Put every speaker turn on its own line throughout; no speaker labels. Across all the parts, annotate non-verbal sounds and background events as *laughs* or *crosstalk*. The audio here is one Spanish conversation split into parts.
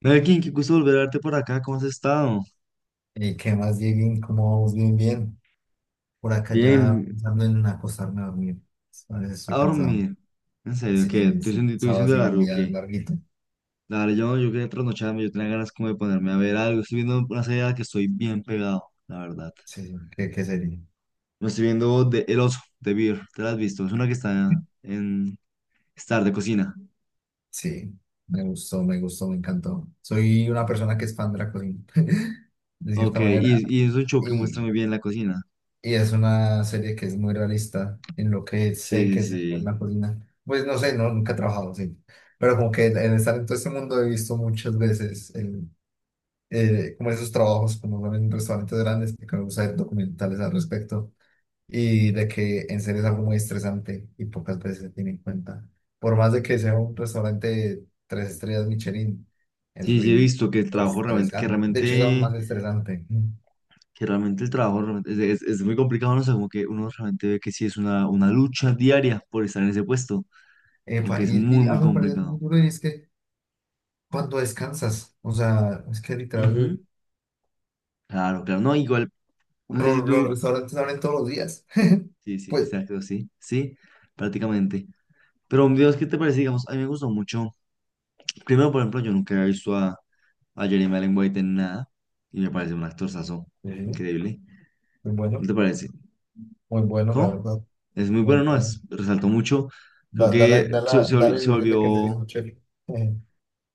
Melkin, qué gusto volver a verte por acá, ¿cómo has estado?
¿Y qué más, Dieguín? ¿Cómo vamos? Bien, bien. Por acá ya
Bien,
pensando en acostarme a dormir. A veces estoy
a
cansado.
dormir. En serio,
Sí,
¿qué?
sí,
¿Tú
estoy
diciendo,
cansado así un
largo,
día
¿qué?
larguito.
Dale, yo quería trasnocharme, yo tenía ganas como de ponerme a ver algo. Estoy viendo una serie a la que estoy bien pegado, la verdad.
Sí, sí. ¿Qué sería?
Me estoy viendo de El Oso, de Beer, ¿te la has visto? Es una que está en Star de cocina.
Sí, me gustó, me gustó, me encantó. Soy una persona que es fan de la cocina, *laughs* de
Ok,
cierta manera.
y es un show que muestra
Y,
muy bien la cocina.
y es una serie que es muy realista en lo que sé
Sí, sí,
que es hacer
sí.
una cocina. Pues no sé, no, nunca he trabajado, sí. Pero como que en estar en todo este mundo he visto muchas veces el como esos trabajos, como son en restaurantes grandes, que me gusta ver documentales al respecto, y de que en serio es algo muy estresante y pocas veces se tiene en cuenta. Por más de que sea un restaurante de tres estrellas Michelin, el
Sí, sí, he
ritmo
visto que el
es
trabajo realmente, que
estresante. De hecho, es aún más
realmente
estresante.
que realmente el trabajo realmente es muy complicado, ¿no? O sea, como que uno realmente ve que sí es una lucha diaria por estar en ese puesto, como que
Epa,
es
y,
muy,
y
muy
algo me parece muy
complicado.
duro y es que cuando descansas, o sea, es que literal,
Ujú. Claro, claro, no, igual, no sé si
los
tú,
restaurantes abren todos los días. *laughs*
sí, sí,
Pues,
exacto, sí, sí, prácticamente. Pero, Dios, ¿qué te parece? Digamos, a mí me gustó mucho. Primero, por ejemplo, yo nunca había visto a Jeremy Allen White en nada y me parece un actorzazo
sí,
increíble.
muy
¿No
bueno,
te parece?
muy bueno, la
¿Cómo?
verdad,
Es muy
muy
bueno, ¿no?
bueno.
Es, resaltó mucho. Creo
Dale,
que se,
dale,
se vol-
dale la
Se
ilusión de que te
volvió.
dijo Chef. *laughs* Eh,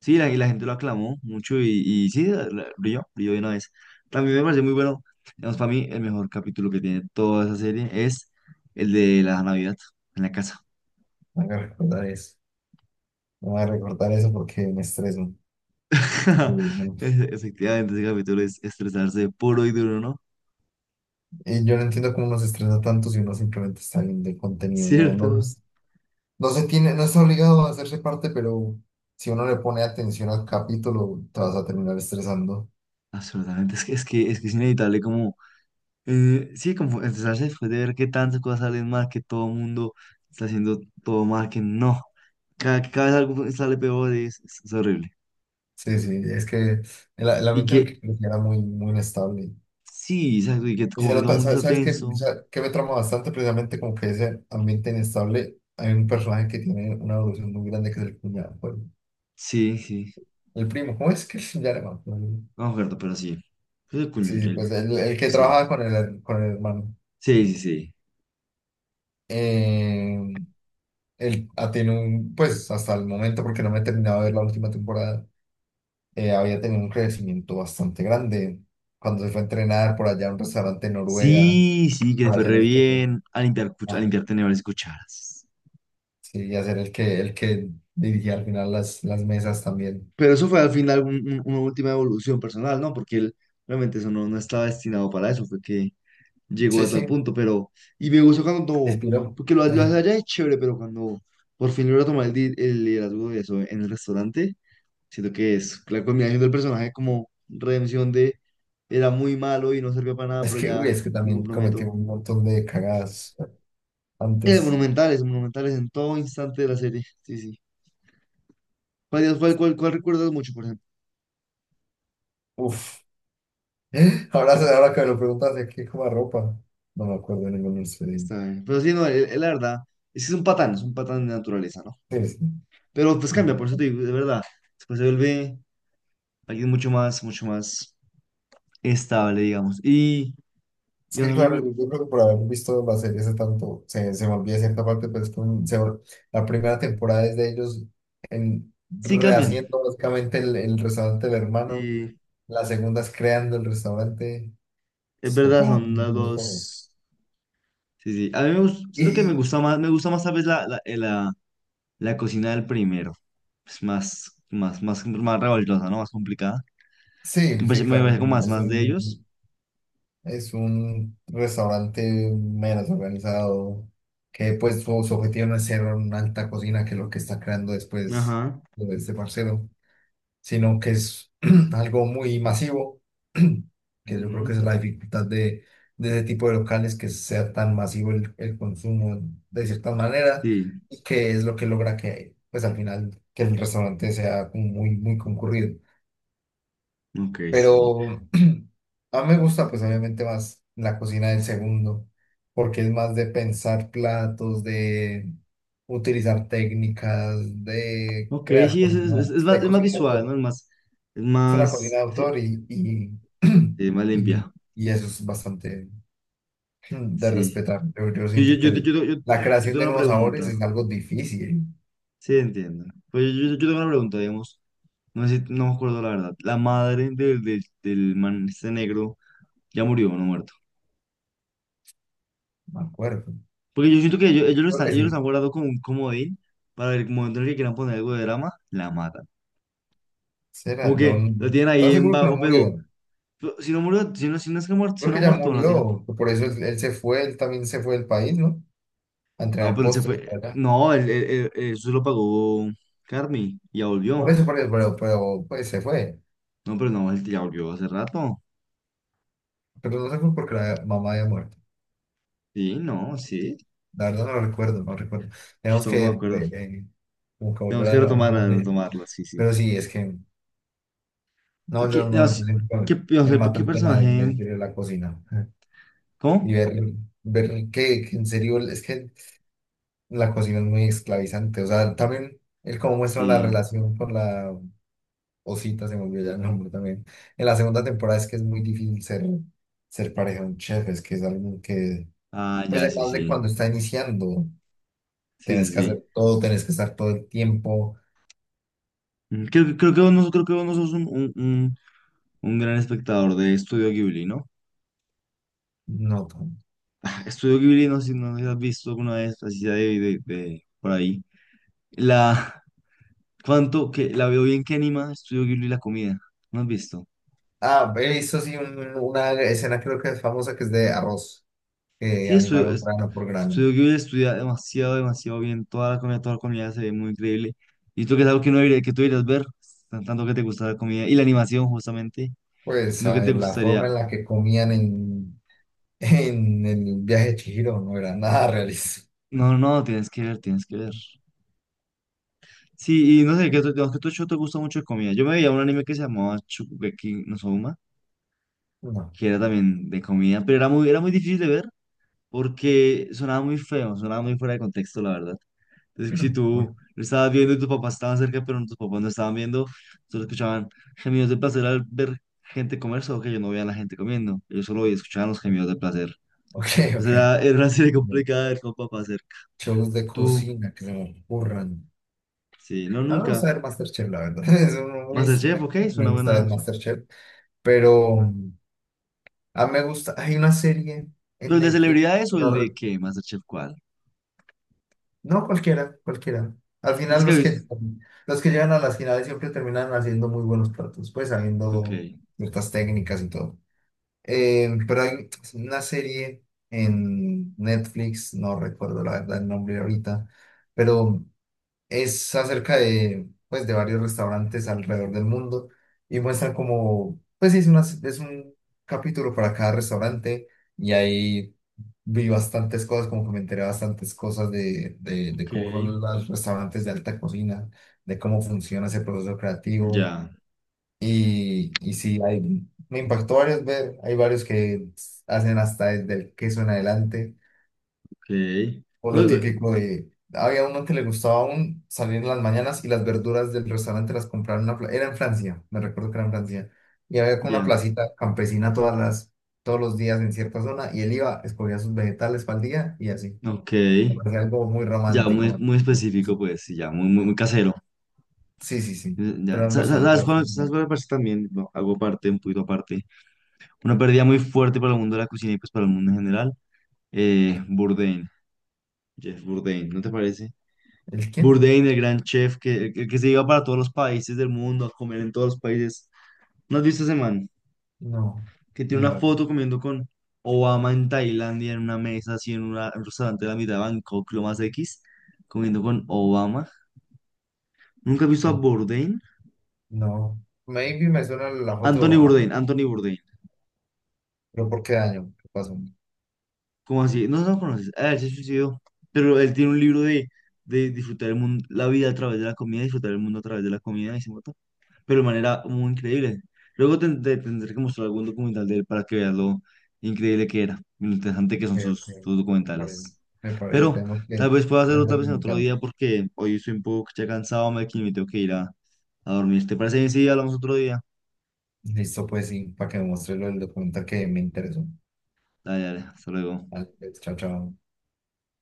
Sí, la, y la gente lo aclamó mucho y sí, brilló, brilló de una vez. También me parece muy bueno, digamos, para mí el mejor capítulo que tiene toda esa serie es el de la Navidad en la casa.
me voy a recordar eso. Me voy a recordar eso porque me estreso. Y,
*laughs*
no-
Efectivamente, ese capítulo es estresarse puro y duro, ¿no?
y yo no entiendo cómo nos estresa tanto si uno simplemente está viendo el contenido. No, no,
Cierto.
no se tiene, no está obligado a hacerse parte, pero si uno le pone atención al capítulo, te vas a terminar estresando.
Absolutamente, es que es inevitable como, sí, como estresarse después de ver que tantas cosas salen mal, que todo el mundo está haciendo todo mal, que no, cada vez algo sale peor, es horrible.
Sí, sí, es que el
Y
ambiente en el
que
que crecí era muy, muy inestable.
sí, exacto, y que
Y
como
se
que todo el
nota,
mundo
¿sabes,
está
sabes qué? O
tenso.
sea, ¿qué me trama bastante? Precisamente como que ese ambiente inestable, hay un personaje que tiene una evolución muy grande que es el cuñado, pues,
Sí, sí.
el primo, ¿cómo es que se llama?
No me acuerdo, pero sí. Creo que
Sí, sí, pues el que
sí.
trabaja con el hermano.
Sí, sí, sí.
Eh, él ha tenido un, pues hasta el momento, porque no me he terminado de ver la última temporada, había tenido un crecimiento bastante grande. Cuando se fue a entrenar por allá a un restaurante en Noruega
Sí, sí, que le
para
fue
hacer
re
el queso.
bien a limpiar, a
Ah,
limpiar tenedores y cucharas.
sí, y hacer el que dirigía al final las mesas también.
Pero eso fue al final una última evolución personal, ¿no? Porque él realmente eso no estaba destinado para eso, fue que llegó
Sí,
a tal
sí,
punto, pero... Y me gustó cuando...
expiró.
Porque lo hace
*laughs*
allá es chévere, pero cuando por fin logra tomar el liderazgo de eso en el restaurante, siento que es la combinación del personaje como redención de era muy malo y no sirvió para nada,
Es
pero
que,
ya
uy, es que
me
también cometí
comprometo.
un montón de cagadas antes.
Monumentales, monumentales en todo instante de la serie. Sí, sí. ¿Cuál recuerdas mucho, por ejemplo?
Uf. *laughs* Ahora, ahora que me lo preguntas de qué como ropa. No me acuerdo de ningún expediente.
Está bien. Pero sí, no, él, la verdad, es que es un patán de naturaleza, ¿no?
Sí, sí.
Pero pues cambia, por eso te digo, de verdad. Después se vuelve alguien mucho más estable, digamos.
Es que,
Digamos, a mí
claro,
me-
yo creo que por haber visto la serie hace tanto, se me olvida cierta parte, pero es que la primera temporada es de ellos en,
sí cambian.
rehaciendo básicamente el restaurante del hermano.
Y
La segunda es creando el restaurante.
es
Es
verdad,
papá,
son las dos. Sí, sí. A mí me gusta,
Y,
siento que
y-
me gusta más tal vez la, la cocina del primero. Es más revoltosa, ¿no? Más complicada.
sí, sí,
Me
claro,
parece como más, más de ellos.
es un restaurante menos organizado, que pues su objetivo no es ser una alta cocina, que es lo que está creando después
Ajá.
de este parcero, sino que es *clears throat* algo muy masivo, *clears throat* que yo creo que
Ujú.
esa es la dificultad de ese tipo de locales, que sea tan masivo el consumo de cierta manera,
Sí,
y que es lo que logra que, pues al final, que el restaurante sea como muy, muy concurrido.
ok, sí, sí.
Pero *clears throat* a mí me gusta pues obviamente más la cocina del segundo, porque es más de pensar platos, de utilizar técnicas, de
Ok,
crear
sí,
cosas nuevas, de
es más
cocina de
visual,
autor.
¿no?
Es una cocina de
Sí,
autor
sí, más
*clears throat* y,
limpia.
y eso es bastante *clears throat* de
Sí.
respetar. Yo
Yo, yo,
siento que
yo, yo, yo, yo-
la
yo
creación
tengo
de
una
nuevos sabores
pregunta.
es algo difícil,
Sí, entiendo. Pues yo tengo una pregunta, digamos. No sé si- no me acuerdo la verdad. La madre del man este negro ya murió, ¿no muerto?
me acuerdo.
Porque yo siento que ellos, lo
Creo
están,
que
ellos los han
sí.
guardado como un comodín para el momento en el que quieran poner algo de drama, la matan.
Será,
Como que lo tienen
estaba
ahí en
seguro que no
bajo,
murió.
pero si no murió, si no, si no es que muerto, si
Creo
no
que
ha
ya
muerto, no lo tienen.
murió, por eso él, él se fue, él también se fue del país, ¿no? A
No,
entrenar
pero él se
postres
fue.
para allá.
No, eso lo pagó Carmi, ya volvió.
Por eso, pero pues se fue.
No, pero no, él ya volvió hace rato.
Pero no se fue porque la mamá había muerto.
Sí, no, sí.
La verdad no lo recuerdo, no lo recuerdo.
Yo
Tenemos
tampoco
que,
me acuerdo.
eh, como que
Tenemos
volver
que
a hablar
retomarla,
de él.
retomarla, sí, sí.
Pero sí, es que, no,
¿Qué,
yo
no,
no,
sí, qué, no
me
sé,
mata
qué
el tema de,
personaje?
de la cocina. Y
¿Cómo?
ver, ver que en serio, es que la cocina es muy esclavizante. O sea, también el cómo muestran la
Sí.
relación con la Osita, se me olvidó ya el nombre también. En la segunda temporada es que es muy difícil ser, ser pareja de un chef, es que es alguien que,
Ah,
pues
ya, sí,
además de
sí.
cuando está iniciando,
Sí,
tenés
sí,
que hacer
sí.
todo, tenés que estar todo el tiempo.
Mm, creo, creo que vos no, creo que vos no sos un gran espectador de Estudio Ghibli, ¿no?
No, tan-
Estudio Ghibli, no sé si has visto alguna vez, así sea de, por ahí. La, ¿cuánto que la veo bien que anima Estudio Ghibli la comida? ¿No has visto?
ah, he visto sí una escena creo que es famosa que es de arroz, que
Sí,
animaron grano por grano.
Estudio Ghibli estudia demasiado, demasiado bien. Toda la comida se ve muy increíble. Y tú que es algo que no debería- que tú deberías ver, tanto que te gusta la comida y la animación justamente,
Pues
lo que
a
te
ver, la forma
gustaría.
en la que comían en, *laughs* en el viaje de Chihiro no era nada realista.
No, no, tienes que ver, tienes que ver. Sí, y no sé, digamos que tú Cho, te gusta mucho de comida. Yo me veía un anime que se llamaba Shokugeki no Soma,
No.
que era también de comida, pero era muy difícil de ver porque sonaba muy feo, sonaba muy fuera de contexto, la verdad. Entonces, si
*clears throat*
tú lo estabas viendo y tus papás estaban cerca, pero tus papás no estaban viendo, solo escuchaban gemidos de placer al ver gente comer, solo que yo no veía a la gente comiendo. Ellos solo escuchaban los gemidos de placer.
Ok,
Entonces,
ok.
era una serie *laughs* complicada de ver con papá cerca.
Shows de
Tú,
cocina que se me ocurran.
sí, no,
A mí me gusta
nunca.
ver MasterChef, la verdad. *laughs* Es uno muy-
MasterChef,
me,
ok, es una
me gusta
buena.
ver MasterChef. Pero a mí me gusta. Hay una serie
¿Pero
en
el de
Netflix.
celebridades o el
No,
de
re-
qué? ¿Masterchef cuál?
no cualquiera, cualquiera. Al
Tienes
final
que haber visto.
los que llegan a las finales siempre terminan haciendo muy buenos platos, pues
Ok,
sabiendo ciertas técnicas y todo. Pero hay una serie en Netflix, no recuerdo la verdad el nombre ahorita, pero es acerca de, pues, de varios restaurantes alrededor del mundo y muestran como, pues sí, es un capítulo para cada restaurante y ahí vi bastantes cosas, como que me enteré bastantes cosas de
ok,
cómo son los restaurantes de alta cocina, de cómo funciona ese proceso creativo
ya,
y sí, hay me impactó varios ver, hay varios que hacen hasta desde el queso en adelante
ok.
o
No,
lo
digo,
típico de... Había uno que le gustaba aún salir en las mañanas y las verduras del restaurante las compraba en una... Era en Francia, me recuerdo que era en Francia. Y había como una
ya,
placita campesina todas las, todos los días en cierta zona y él iba, escogía sus vegetales para el día y así.
ok.
Me parecía algo muy
Ya, muy,
romántico.
muy
¿No? Así.
específico, pues, sí, ya, muy, muy, muy casero.
Sí, sí, sí.
Ya,
Pero era un restaurante bastante...
sabes
bueno.
cuál me parece también? Bueno, hago parte, un poquito aparte. Una pérdida muy fuerte para el mundo de la cocina y pues para el mundo en general.
¿Qué?
Bourdain, Jeff Bourdain, ¿no te parece?
¿El quién?
Bourdain, el gran chef que, el que se iba para todos los países del mundo a comer en todos los países. ¿No has visto ese man?
No,
Que
no,
tiene una
no.
foto comiendo con Obama en Tailandia en una mesa, así en en un restaurante de la mitad de Bangkok, lo más X, comiendo con Obama. ¿Nunca he visto a
eh,
Bourdain?
no. Maybe me suena la foto,
Anthony
ah,
Bourdain, Anthony Bourdain.
pero ¿por qué año? ¿Qué pasó?
¿Cómo así? No, no lo conoces. Ah, él se suicidó. Pero él tiene un libro de disfrutar el mundo, la vida a través de la comida, disfrutar el mundo a través de la comida y se mató, pero de manera muy increíble. Luego te tendré que mostrar algún documental de él para que veas lo increíble que era y lo interesante
Ok,
que son
ok.
sus, sus
Está
documentales.
bien. Me parece,
Pero
tenemos
tal
que
vez pueda
ver
hacerlo
el
tal vez en otro
documental.
día porque hoy estoy un poco ya cansado, me tengo que ir a dormir. ¿Te parece bien si hablamos otro día?
Listo, pues sí, para que me muestre lo del documental que me interesó.
Dale, dale, hasta luego.
Vale, pues, chao, chao.